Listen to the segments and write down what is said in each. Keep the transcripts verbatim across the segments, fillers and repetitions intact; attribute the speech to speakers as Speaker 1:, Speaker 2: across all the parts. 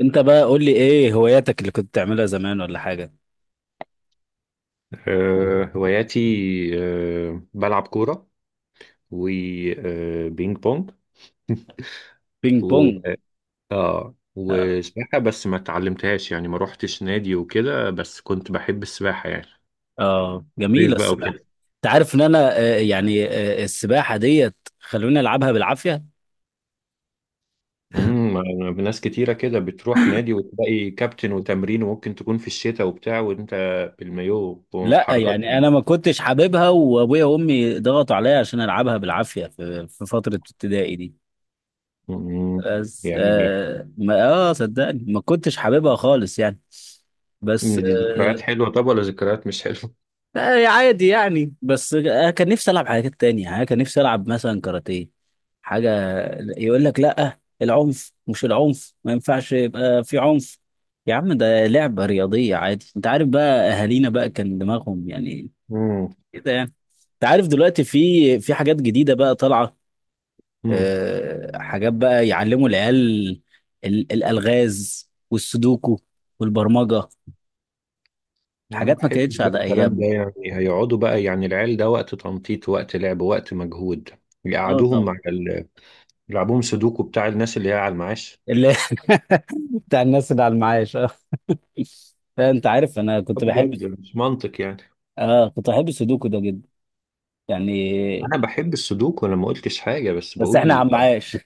Speaker 1: انت بقى قول لي ايه هواياتك اللي كنت تعملها زمان ولا حاجه؟
Speaker 2: آه، هواياتي. آه، بلعب كورة وبينج بونج
Speaker 1: بينج
Speaker 2: و
Speaker 1: بونج.
Speaker 2: اه
Speaker 1: اه.
Speaker 2: وسباحة، بس ما اتعلمتهاش يعني، ما روحتش نادي وكده، بس كنت بحب السباحة يعني.
Speaker 1: آه،
Speaker 2: صيف
Speaker 1: جميله
Speaker 2: بقى
Speaker 1: السباحه.
Speaker 2: وكده.
Speaker 1: انت عارف ان انا، آه، يعني آه، السباحه ديت خلوني العبها بالعافيه.
Speaker 2: امم أنا ناس كتيرة كده بتروح نادي وتلاقي كابتن وتمرين، وممكن تكون في الشتاء وبتاع، وانت بالمايو
Speaker 1: لا
Speaker 2: وحركات
Speaker 1: يعني
Speaker 2: بقى.
Speaker 1: انا ما كنتش حاببها، وابويا وامي ضغطوا عليا عشان العبها بالعافيه في في فتره ابتدائي دي.
Speaker 2: أمم،
Speaker 1: بس
Speaker 2: يعني
Speaker 1: اه ما- آه، صدقني ما كنتش حاببها خالص يعني. بس
Speaker 2: دي ذكريات
Speaker 1: آه،
Speaker 2: حلوة طب ولا ذكريات مش حلوة؟
Speaker 1: آه، عادي يعني. بس آه، كان نفسي العب حاجات تانية، يعني كان نفسي العب مثلا كاراتيه، حاجه يقول لك لا العنف، مش العنف ما ينفعش يبقى في عنف. يا عم ده لعبه رياضيه عادي. انت عارف بقى اهالينا بقى كان دماغهم يعني كده يعني. انت عارف دلوقتي في، في حاجات جديده بقى طالعه.
Speaker 2: امم
Speaker 1: أه حاجات بقى يعلموا العيال، ال- الالغاز والسودوكو والبرمجه.
Speaker 2: انا
Speaker 1: حاجات ما
Speaker 2: بحب
Speaker 1: كانتش
Speaker 2: بقى
Speaker 1: على
Speaker 2: الكلام ده،
Speaker 1: ايام.
Speaker 2: يعني هيقعدوا بقى يعني العيال ده وقت تنطيط وقت لعب وقت مجهود
Speaker 1: اه
Speaker 2: يقعدوهم
Speaker 1: طبعا.
Speaker 2: على ال... يلعبوهم سودوكو بتاع الناس اللي هي على المعاش؟
Speaker 1: اللي بتاع الناس اللي على المعاش آه. لا انت عارف انا
Speaker 2: آه
Speaker 1: كنت بحب،
Speaker 2: بجد مش منطق يعني.
Speaker 1: اه كنت بحب السودوكو ده جدا يعني.
Speaker 2: انا بحب السودوكو، انا ما قلتش حاجه، بس
Speaker 1: بس احنا
Speaker 2: بقول الأ-
Speaker 1: عمعاش.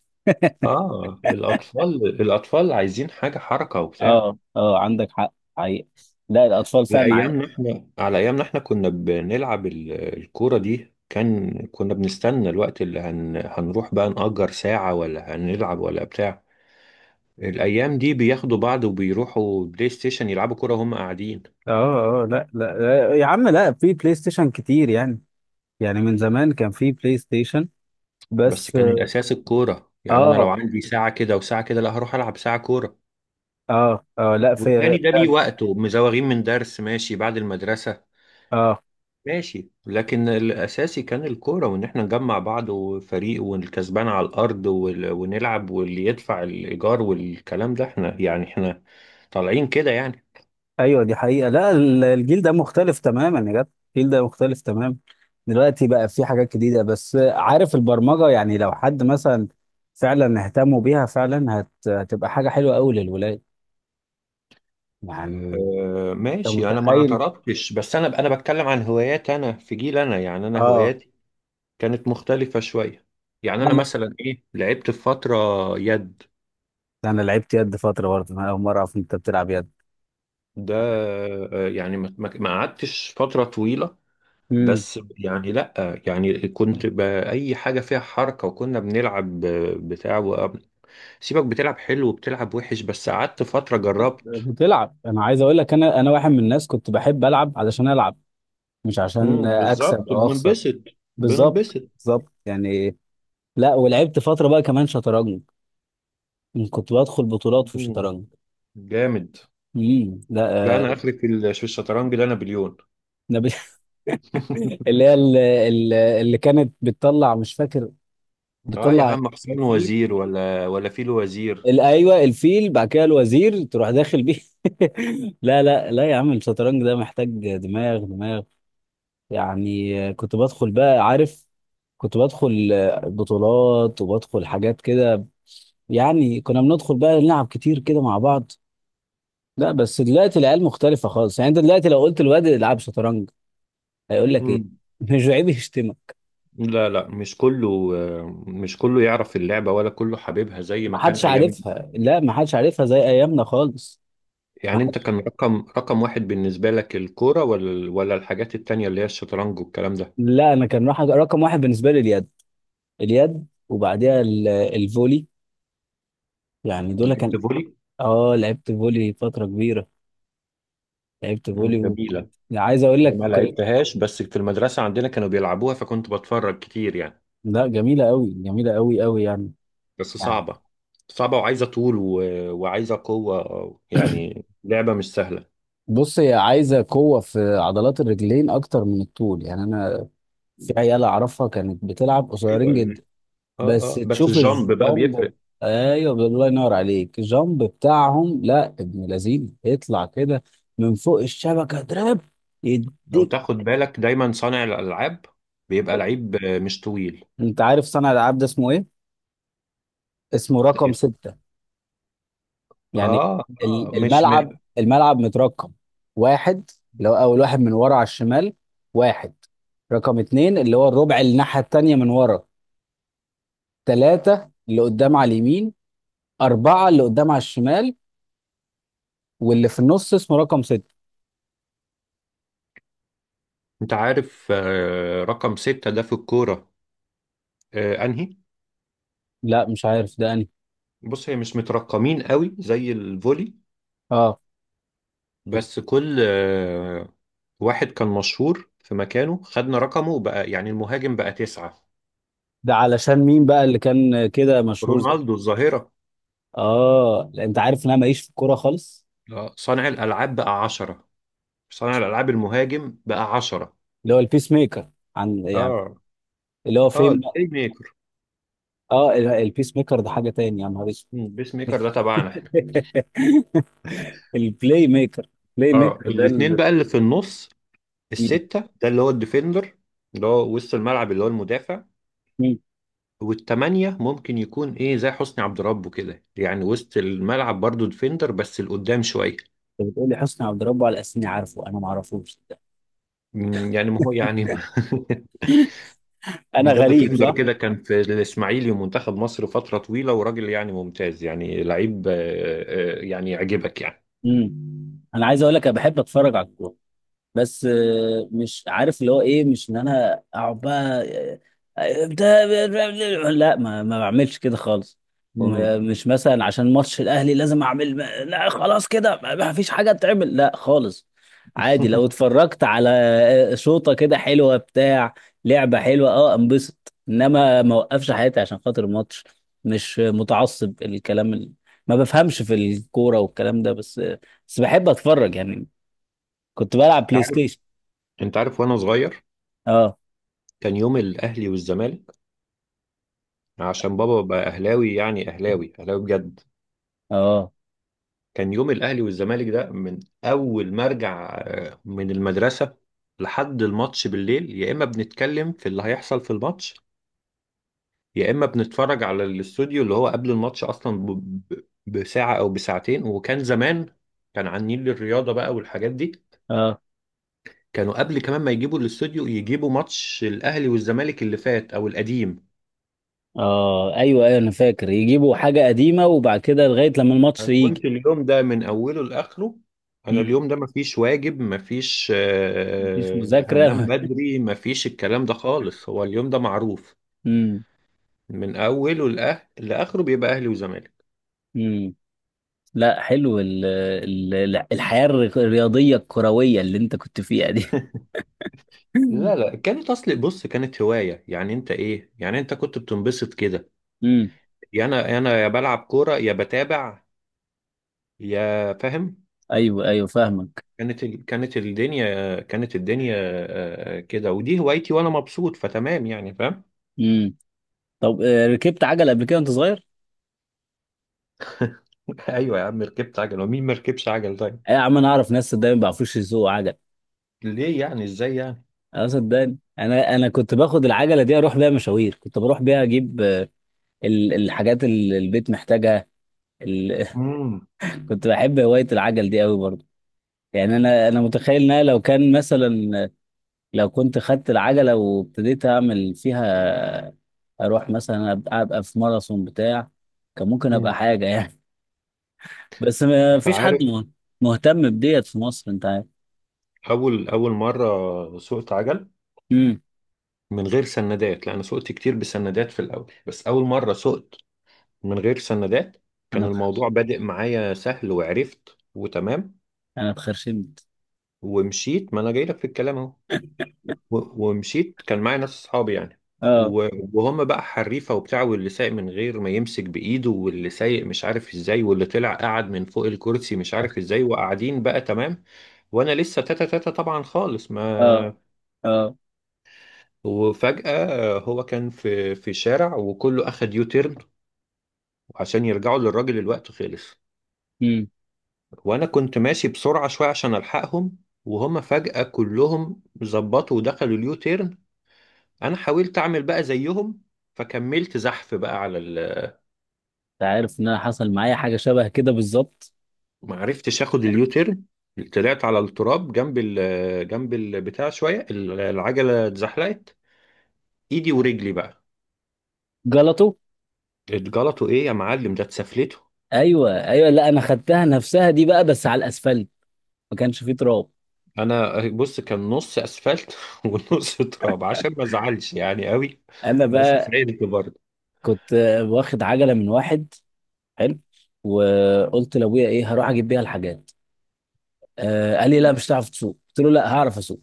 Speaker 2: اه. الاطفال الاطفال عايزين حاجه حركه وبتاع.
Speaker 1: اه اه عندك حق حقيقة. لا الاطفال
Speaker 2: على
Speaker 1: فعلا عا-
Speaker 2: ايامنا احنا على ايامنا احنا كنا بنلعب ال- الكوره دي، كان كنا بنستنى الوقت اللي هن... هنروح بقى نأجر ساعه ولا هنلعب ولا بتاع. الأيام دي بياخدوا بعض وبيروحوا بلاي ستيشن يلعبوا كورة وهم قاعدين.
Speaker 1: اه اه لا لا لا، يا عم لا، في بلاي ستيشن كتير يعني، يعني من زمان كان في بلاي ستيشن.
Speaker 2: بس
Speaker 1: بس
Speaker 2: كان الأساس الكورة، يعني أنا لو
Speaker 1: اه
Speaker 2: عندي ساعة كده وساعة كده، لا، هروح ألعب ساعة كورة،
Speaker 1: اه اه لا في
Speaker 2: والتاني ده ليه وقته، مزوغين من درس ماشي، بعد المدرسة
Speaker 1: اه
Speaker 2: ماشي، لكن الأساسي كان الكورة، وإن إحنا نجمع بعض وفريق والكسبان على الأرض وال- ونلعب، واللي يدفع الإيجار والكلام ده، إحنا يعني إحنا طالعين كده يعني.
Speaker 1: ايوه دي حقيقة. لا ال- الجيل ده مختلف تماما يا جدع. الجيل ده مختلف تماما. دلوقتي بقى في حاجات جديدة. بس عارف البرمجة، يعني لو حد مثلا فعلا اهتموا بيها فعلا هت... هتبقى حاجة حلوة قوي للولاد يعني.
Speaker 2: آه،
Speaker 1: انت
Speaker 2: ماشي، انا ما
Speaker 1: متخيل.
Speaker 2: اعترضتش، بس انا انا بتكلم عن هوايات، انا في جيل انا، يعني انا
Speaker 1: اه.
Speaker 2: هواياتي كانت مختلفة شوية. يعني أنا
Speaker 1: انا
Speaker 2: مثلا إيه، لعبت في فترة يد.
Speaker 1: انا لعبت يد فترة برضه. انا اول مرة اعرف إن انت بتلعب يد.
Speaker 2: ده آه، يعني ما ما- ما قعدتش فترة طويلة،
Speaker 1: امم.
Speaker 2: بس يعني لأ، يعني كنت بأي حاجة فيها حركة، وكنا بنلعب آه، بتاع و- سيبك، بتلعب حلو وبتلعب وحش، بس قعدت فترة جربت.
Speaker 1: بتلعب. انا عايز اقول لك انا انا واحد من الناس كنت بحب العب علشان العب، مش عشان
Speaker 2: مم، بالظبط
Speaker 1: اكسب او اخسر.
Speaker 2: بننبسط،
Speaker 1: بالظبط.
Speaker 2: بننبسط.
Speaker 1: بالظبط يعني. لا ولعبت فترة بقى كمان شطرنج. مم، كنت بدخل بطولات في
Speaker 2: مم،
Speaker 1: الشطرنج.
Speaker 2: جامد.
Speaker 1: امم. لا
Speaker 2: لا، أنا
Speaker 1: آه
Speaker 2: آخري في ال- في الشطرنج ده نابليون.
Speaker 1: أنا ب... اللي هي ال- ال- اللي كانت بتطلع، مش فاكر
Speaker 2: اه يا
Speaker 1: بتطلع.
Speaker 2: عم، حسين
Speaker 1: الفيل،
Speaker 2: وزير ولا ولا فيل وزير.
Speaker 1: ال- ايوه الفيل بعد كده الوزير تروح داخل بيه. لا لا لا، يا عم الشطرنج ده محتاج دماغ دماغ يعني. آه، كنت بدخل بقى، عارف. كنت بدخل آه، بطولات وبدخل حاجات كده يعني. كنا بندخل بقى نلعب كتير كده مع بعض. لا بس دلوقتي العيال مختلفة خالص يعني. انت دلوقتي لو قلت الواد العب شطرنج، هيقول لك ايه مش عيب يشتمك.
Speaker 2: لا لا مش كله، مش كله يعرف اللعبة، ولا كله حبيبها زي ما كان
Speaker 1: محدش
Speaker 2: أيام.
Speaker 1: عارفها. لا، محدش عارفها زي ايامنا خالص.
Speaker 2: يعني أنت،
Speaker 1: محدش.
Speaker 2: كان رقم رقم واحد بالنسبة لك الكورة، ولا ولا الحاجات التانية اللي هي الشطرنج والكلام ده؟
Speaker 1: لا انا كان راح رقم واحد بالنسبه لي اليد، اليد وبعديها ال- الفولي. يعني دول كان.
Speaker 2: لعبت فولي.
Speaker 1: اه لعبت فولي فتره كبيره. لعبت
Speaker 2: مم،
Speaker 1: فولي و...
Speaker 2: جميلة.
Speaker 1: يعني عايز اقول لك.
Speaker 2: ما لعبتهاش، بس في المدرسة عندنا كانوا بيلعبوها، فكنت بتفرج كتير يعني.
Speaker 1: لا جميله قوي جميله قوي قوي يعني،
Speaker 2: بس
Speaker 1: يعني.
Speaker 2: صعبة، صعبة وعايزة طول و... وعايزة قوة، يعني لعبة مش سهلة.
Speaker 1: بص هي عايزه قوه في عضلات الرجلين اكتر من الطول يعني. انا في عيال اعرفها كانت بتلعب قصيرين
Speaker 2: ايوه.
Speaker 1: جدا.
Speaker 2: اه
Speaker 1: بس
Speaker 2: اه، بس
Speaker 1: تشوف
Speaker 2: الجامب بقى
Speaker 1: الجامب.
Speaker 2: بيفرق.
Speaker 1: ايوه الله ينور عليك. الجامب بتاعهم لا، ابن لذين يطلع كده من فوق الشبكه دراب
Speaker 2: لو
Speaker 1: يديك.
Speaker 2: تاخد بالك، دايما صانع الألعاب بيبقى لعيب آه، مش طويل.
Speaker 1: انت عارف صنع الالعاب ده اسمه ايه؟ اسمه رقم ستة يعني.
Speaker 2: اه اه
Speaker 1: ال-
Speaker 2: مش م...
Speaker 1: الملعب، الملعب مترقم. واحد، اللي هو اول واحد من ورا على الشمال. واحد. رقم اتنين اللي هو الربع، اللي الناحيه التانيه من ورا. ثلاثه اللي قدام على اليمين. اربعه اللي قدام على الشمال. واللي في النص اسمه رقم ستة.
Speaker 2: انت عارف آه، رقم ستة ده في الكورة آه، انهي؟
Speaker 1: لا مش عارف ده.
Speaker 2: بص، هي مش مترقمين قوي زي الفولي،
Speaker 1: اه
Speaker 2: بس كل آه، واحد كان مشهور في مكانه، خدنا رقمه وبقى يعني المهاجم بقى تسعة.
Speaker 1: ده علشان مين بقى اللي كان كده مشهور زي؟
Speaker 2: رونالدو الظاهرة.
Speaker 1: اه لا، انت عارف ان انا ماليش في الكوره خالص.
Speaker 2: آه، صانع الألعاب بقى عشرة، صانع الألعاب المهاجم بقى عشرة.
Speaker 1: اللي هو البيس ميكر، عن يعني،
Speaker 2: اه
Speaker 1: اللي هو
Speaker 2: اه،
Speaker 1: فين بقى؟
Speaker 2: البلاي ميكر.
Speaker 1: اه، ال- البيس ميكر ده حاجه تاني يا نهار اسود.
Speaker 2: مم، البيس ميكر ده تبعنا احنا.
Speaker 1: البلاي ميكر. البلاي
Speaker 2: اه،
Speaker 1: ميكر ده
Speaker 2: الاتنين
Speaker 1: ال...
Speaker 2: بقى اللي في النص،
Speaker 1: مم.
Speaker 2: الستة ده اللي هو الديفندر، اللي هو وسط الملعب، اللي هو المدافع.
Speaker 1: مم.
Speaker 2: والتمانية ممكن يكون ايه زي حسني عبد ربه كده، يعني وسط الملعب برضو ديفندر بس لقدام شوية.
Speaker 1: انت بتقول لي حسني عبد ربه على اساس اني عارفه؟ انا ما اعرفوش.
Speaker 2: مم، يعني ما هو يعني.
Speaker 1: انا
Speaker 2: ده
Speaker 1: غريب،
Speaker 2: ديفندر
Speaker 1: صح؟
Speaker 2: كده، كان في الاسماعيلي ومنتخب مصر فترة طويلة، وراجل يعني ممتاز، يعني لعيب آه، آه، يعني يعجبك يعني.
Speaker 1: مم. انا عايز اقول لك انا بحب اتفرج على الكوره. بس آه، مش عارف اللي هو ايه، مش ان انا اقعد بقى آه، آه، بتاع- لا ما ما بعملش كده خالص.
Speaker 2: مم.
Speaker 1: ومش مثلا عشان ماتش الاهلي لازم اعمل. لا خلاص كده ما ما فيش حاجه تعمل، لا خالص. عادي لو اتفرجت على آه، شوطه كده حلوه بتاع، لعبه حلوه، اه، انبسط. انما ما اوقفش حياتي عشان خاطر الماتش. مش متعصب. الكلام ال... ما بفهمش في الكوره والكلام ده، بس بس بحب اتفرج يعني. كنت بلعب بلاي
Speaker 2: عارف.
Speaker 1: ستيشن.
Speaker 2: انت عارف، وانا صغير
Speaker 1: اه.
Speaker 2: كان يوم الاهلي والزمالك، عشان بابا بقى اهلاوي، يعني اهلاوي اهلاوي بجد.
Speaker 1: اه.
Speaker 2: كان يوم الاهلي والزمالك ده من اول ما ارجع آه، من المدرسه لحد الماتش بالليل، يا اما بنتكلم في اللي هيحصل في الماتش، يا اما بنتفرج على الاستوديو اللي هو قبل الماتش اصلا ب- ب- بساعه او بساعتين، وكان زمان كان عن نيل الرياضه بقى والحاجات دي.
Speaker 1: اه.
Speaker 2: كانوا قبل كمان ما يجيبوا الاستوديو يجيبوا ماتش الاهلي والزمالك اللي فات او القديم.
Speaker 1: اه ايوه ايوه انا فاكر يجيبوا حاجه قديمه، وبعد كده لغايه لما الماتش
Speaker 2: أنا
Speaker 1: يجي.
Speaker 2: كنت اليوم ده من أوله لآخره. أنا
Speaker 1: مم.
Speaker 2: اليوم ده مفيش واجب، مفيش
Speaker 1: مفيش
Speaker 2: آه، هننام
Speaker 1: مذاكره.
Speaker 2: بدري، مفيش الكلام ده خالص، هو اليوم ده معروف
Speaker 1: امم.
Speaker 2: من أوله لآخ- لآخره بيبقى أهلي وزمالك.
Speaker 1: امم. لا حلو ال ال ال- الحياه الري- الرياضيه الكرويه اللي انت كنت فيها دي.
Speaker 2: لا لا، كانت، أصل بص كانت هواية، يعني أنت إيه، يعني أنت كنت بتنبسط كده،
Speaker 1: امم.
Speaker 2: يا أنا. أنا يا بلعب كورة يا بتابع، يا فاهم.
Speaker 1: ايوه ايوه فاهمك.
Speaker 2: كانت ال... كانت الدنيا، كانت الدنيا آه، كده، ودي هوايتي وأنا مبسوط فتمام، يعني فاهم.
Speaker 1: امم. طب آه، ركبت عجل قبل كده وانت صغير؟
Speaker 2: ايوه يا عم، ركبت عجل ومين ما ركبش عجل طيب؟
Speaker 1: يا عم انا اعرف ناس صدقني ما بيعرفوش يسوقوا عجل.
Speaker 2: ليه يعني ازاي يعني؟
Speaker 1: اه صدقني انا انا كنت باخد العجله دي اروح بيها مشاوير. كنت بروح بيها اجيب آه، ال- الحاجات اللي البيت محتاجها، ال...
Speaker 2: امم.
Speaker 1: كنت بحب هواية العجل دي قوي برضه، يعني. انا انا متخيل ان انا لو كان مثلا، لو كنت خدت العجلة وابتديت اعمل فيها، اروح مثلا ابقى, أبقى في ماراثون بتاع، كان ممكن ابقى
Speaker 2: مم.
Speaker 1: حاجة يعني. بس ما
Speaker 2: انت
Speaker 1: فيش حد
Speaker 2: عارف،
Speaker 1: مه- مهتم بديت في مصر. انت عارف.
Speaker 2: اول اول مره سوقت عجل
Speaker 1: امم.
Speaker 2: من غير سندات، لان سوقت كتير بسندات في الاول، بس اول مره سوقت من غير سندات
Speaker 1: انا
Speaker 2: كان
Speaker 1: اتخ-
Speaker 2: الموضوع بادئ معايا سهل، وعرفت وتمام
Speaker 1: انا اتخرشمت.
Speaker 2: ومشيت، ما انا جاي لك في الكلام اهو. و- ومشيت، كان معايا ناس اصحابي يعني
Speaker 1: اه
Speaker 2: و- وهم بقى حريفه وبتاع، واللي سايق من غير ما يمسك بايده، واللي سايق مش عارف ازاي، واللي طلع قعد من فوق الكرسي مش عارف ازاي، وقاعدين بقى تمام، وانا لسه تاتا تاتا طبعا خالص
Speaker 1: اه.
Speaker 2: ما.
Speaker 1: اه.
Speaker 2: وفجأة هو كان في في شارع وكله اخد يو تيرن عشان يرجعوا للراجل، الوقت خلص،
Speaker 1: امم.
Speaker 2: وانا كنت ماشي بسرعة شوية عشان الحقهم، وهم فجأة كلهم ظبطوا ودخلوا اليو تيرن. انا حاولت اعمل بقى زيهم، فكملت زحف بقى على ال...
Speaker 1: انت عارف ان انا حصل معايا حاجة شبه كده بالظبط.
Speaker 2: ما عرفتش اخد اليوتيرن، طلعت على التراب جنب ال... جنب البتاع شويه، ال- العجله اتزحلقت، ايدي ورجلي بقى
Speaker 1: جلطه.
Speaker 2: اتجلطوا، ايه يا معلم ده اتسفلته.
Speaker 1: ايوه ايوه لا، انا خدتها نفسها دي بقى بس على الاسفلت. ما كانش فيه تراب.
Speaker 2: انا بص، كان نص اسفلت ونص تراب، عشان ما ازعلش يعني قوي،
Speaker 1: انا
Speaker 2: بس
Speaker 1: بقى
Speaker 2: سعيد برضه.
Speaker 1: كنت واخد عجله من واحد حلو، وقلت لابويا ايه هروح اجيب بيها الحاجات. آه قال لي لا مش هتعرف تسوق. قلت له لا هعرف اسوق.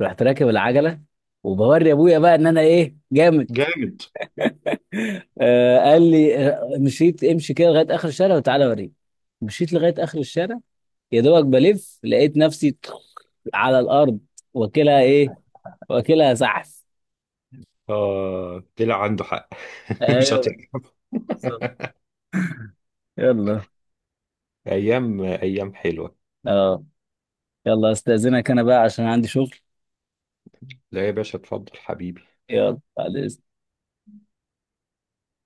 Speaker 1: رحت راكب العجله، وبوري ابويا بقى ان انا ايه جامد.
Speaker 2: جامد.
Speaker 1: آه قال لي آه، مشيت، امشي كده لغايه اخر الشارع وتعالى اوريك. مشيت لغايه اخر الشارع، يا دوبك بلف لقيت نفسي على الارض. واكلها ايه؟ واكلها زحف.
Speaker 2: اه طلع عنده حق. مش
Speaker 1: ايوه.
Speaker 2: هتعرف.
Speaker 1: بالظبط. يلا.
Speaker 2: ايام ايام حلوه.
Speaker 1: اه. يلا استاذنك انا بقى عشان عندي شغل.
Speaker 2: لا يا باشا، اتفضل حبيبي.
Speaker 1: يلا على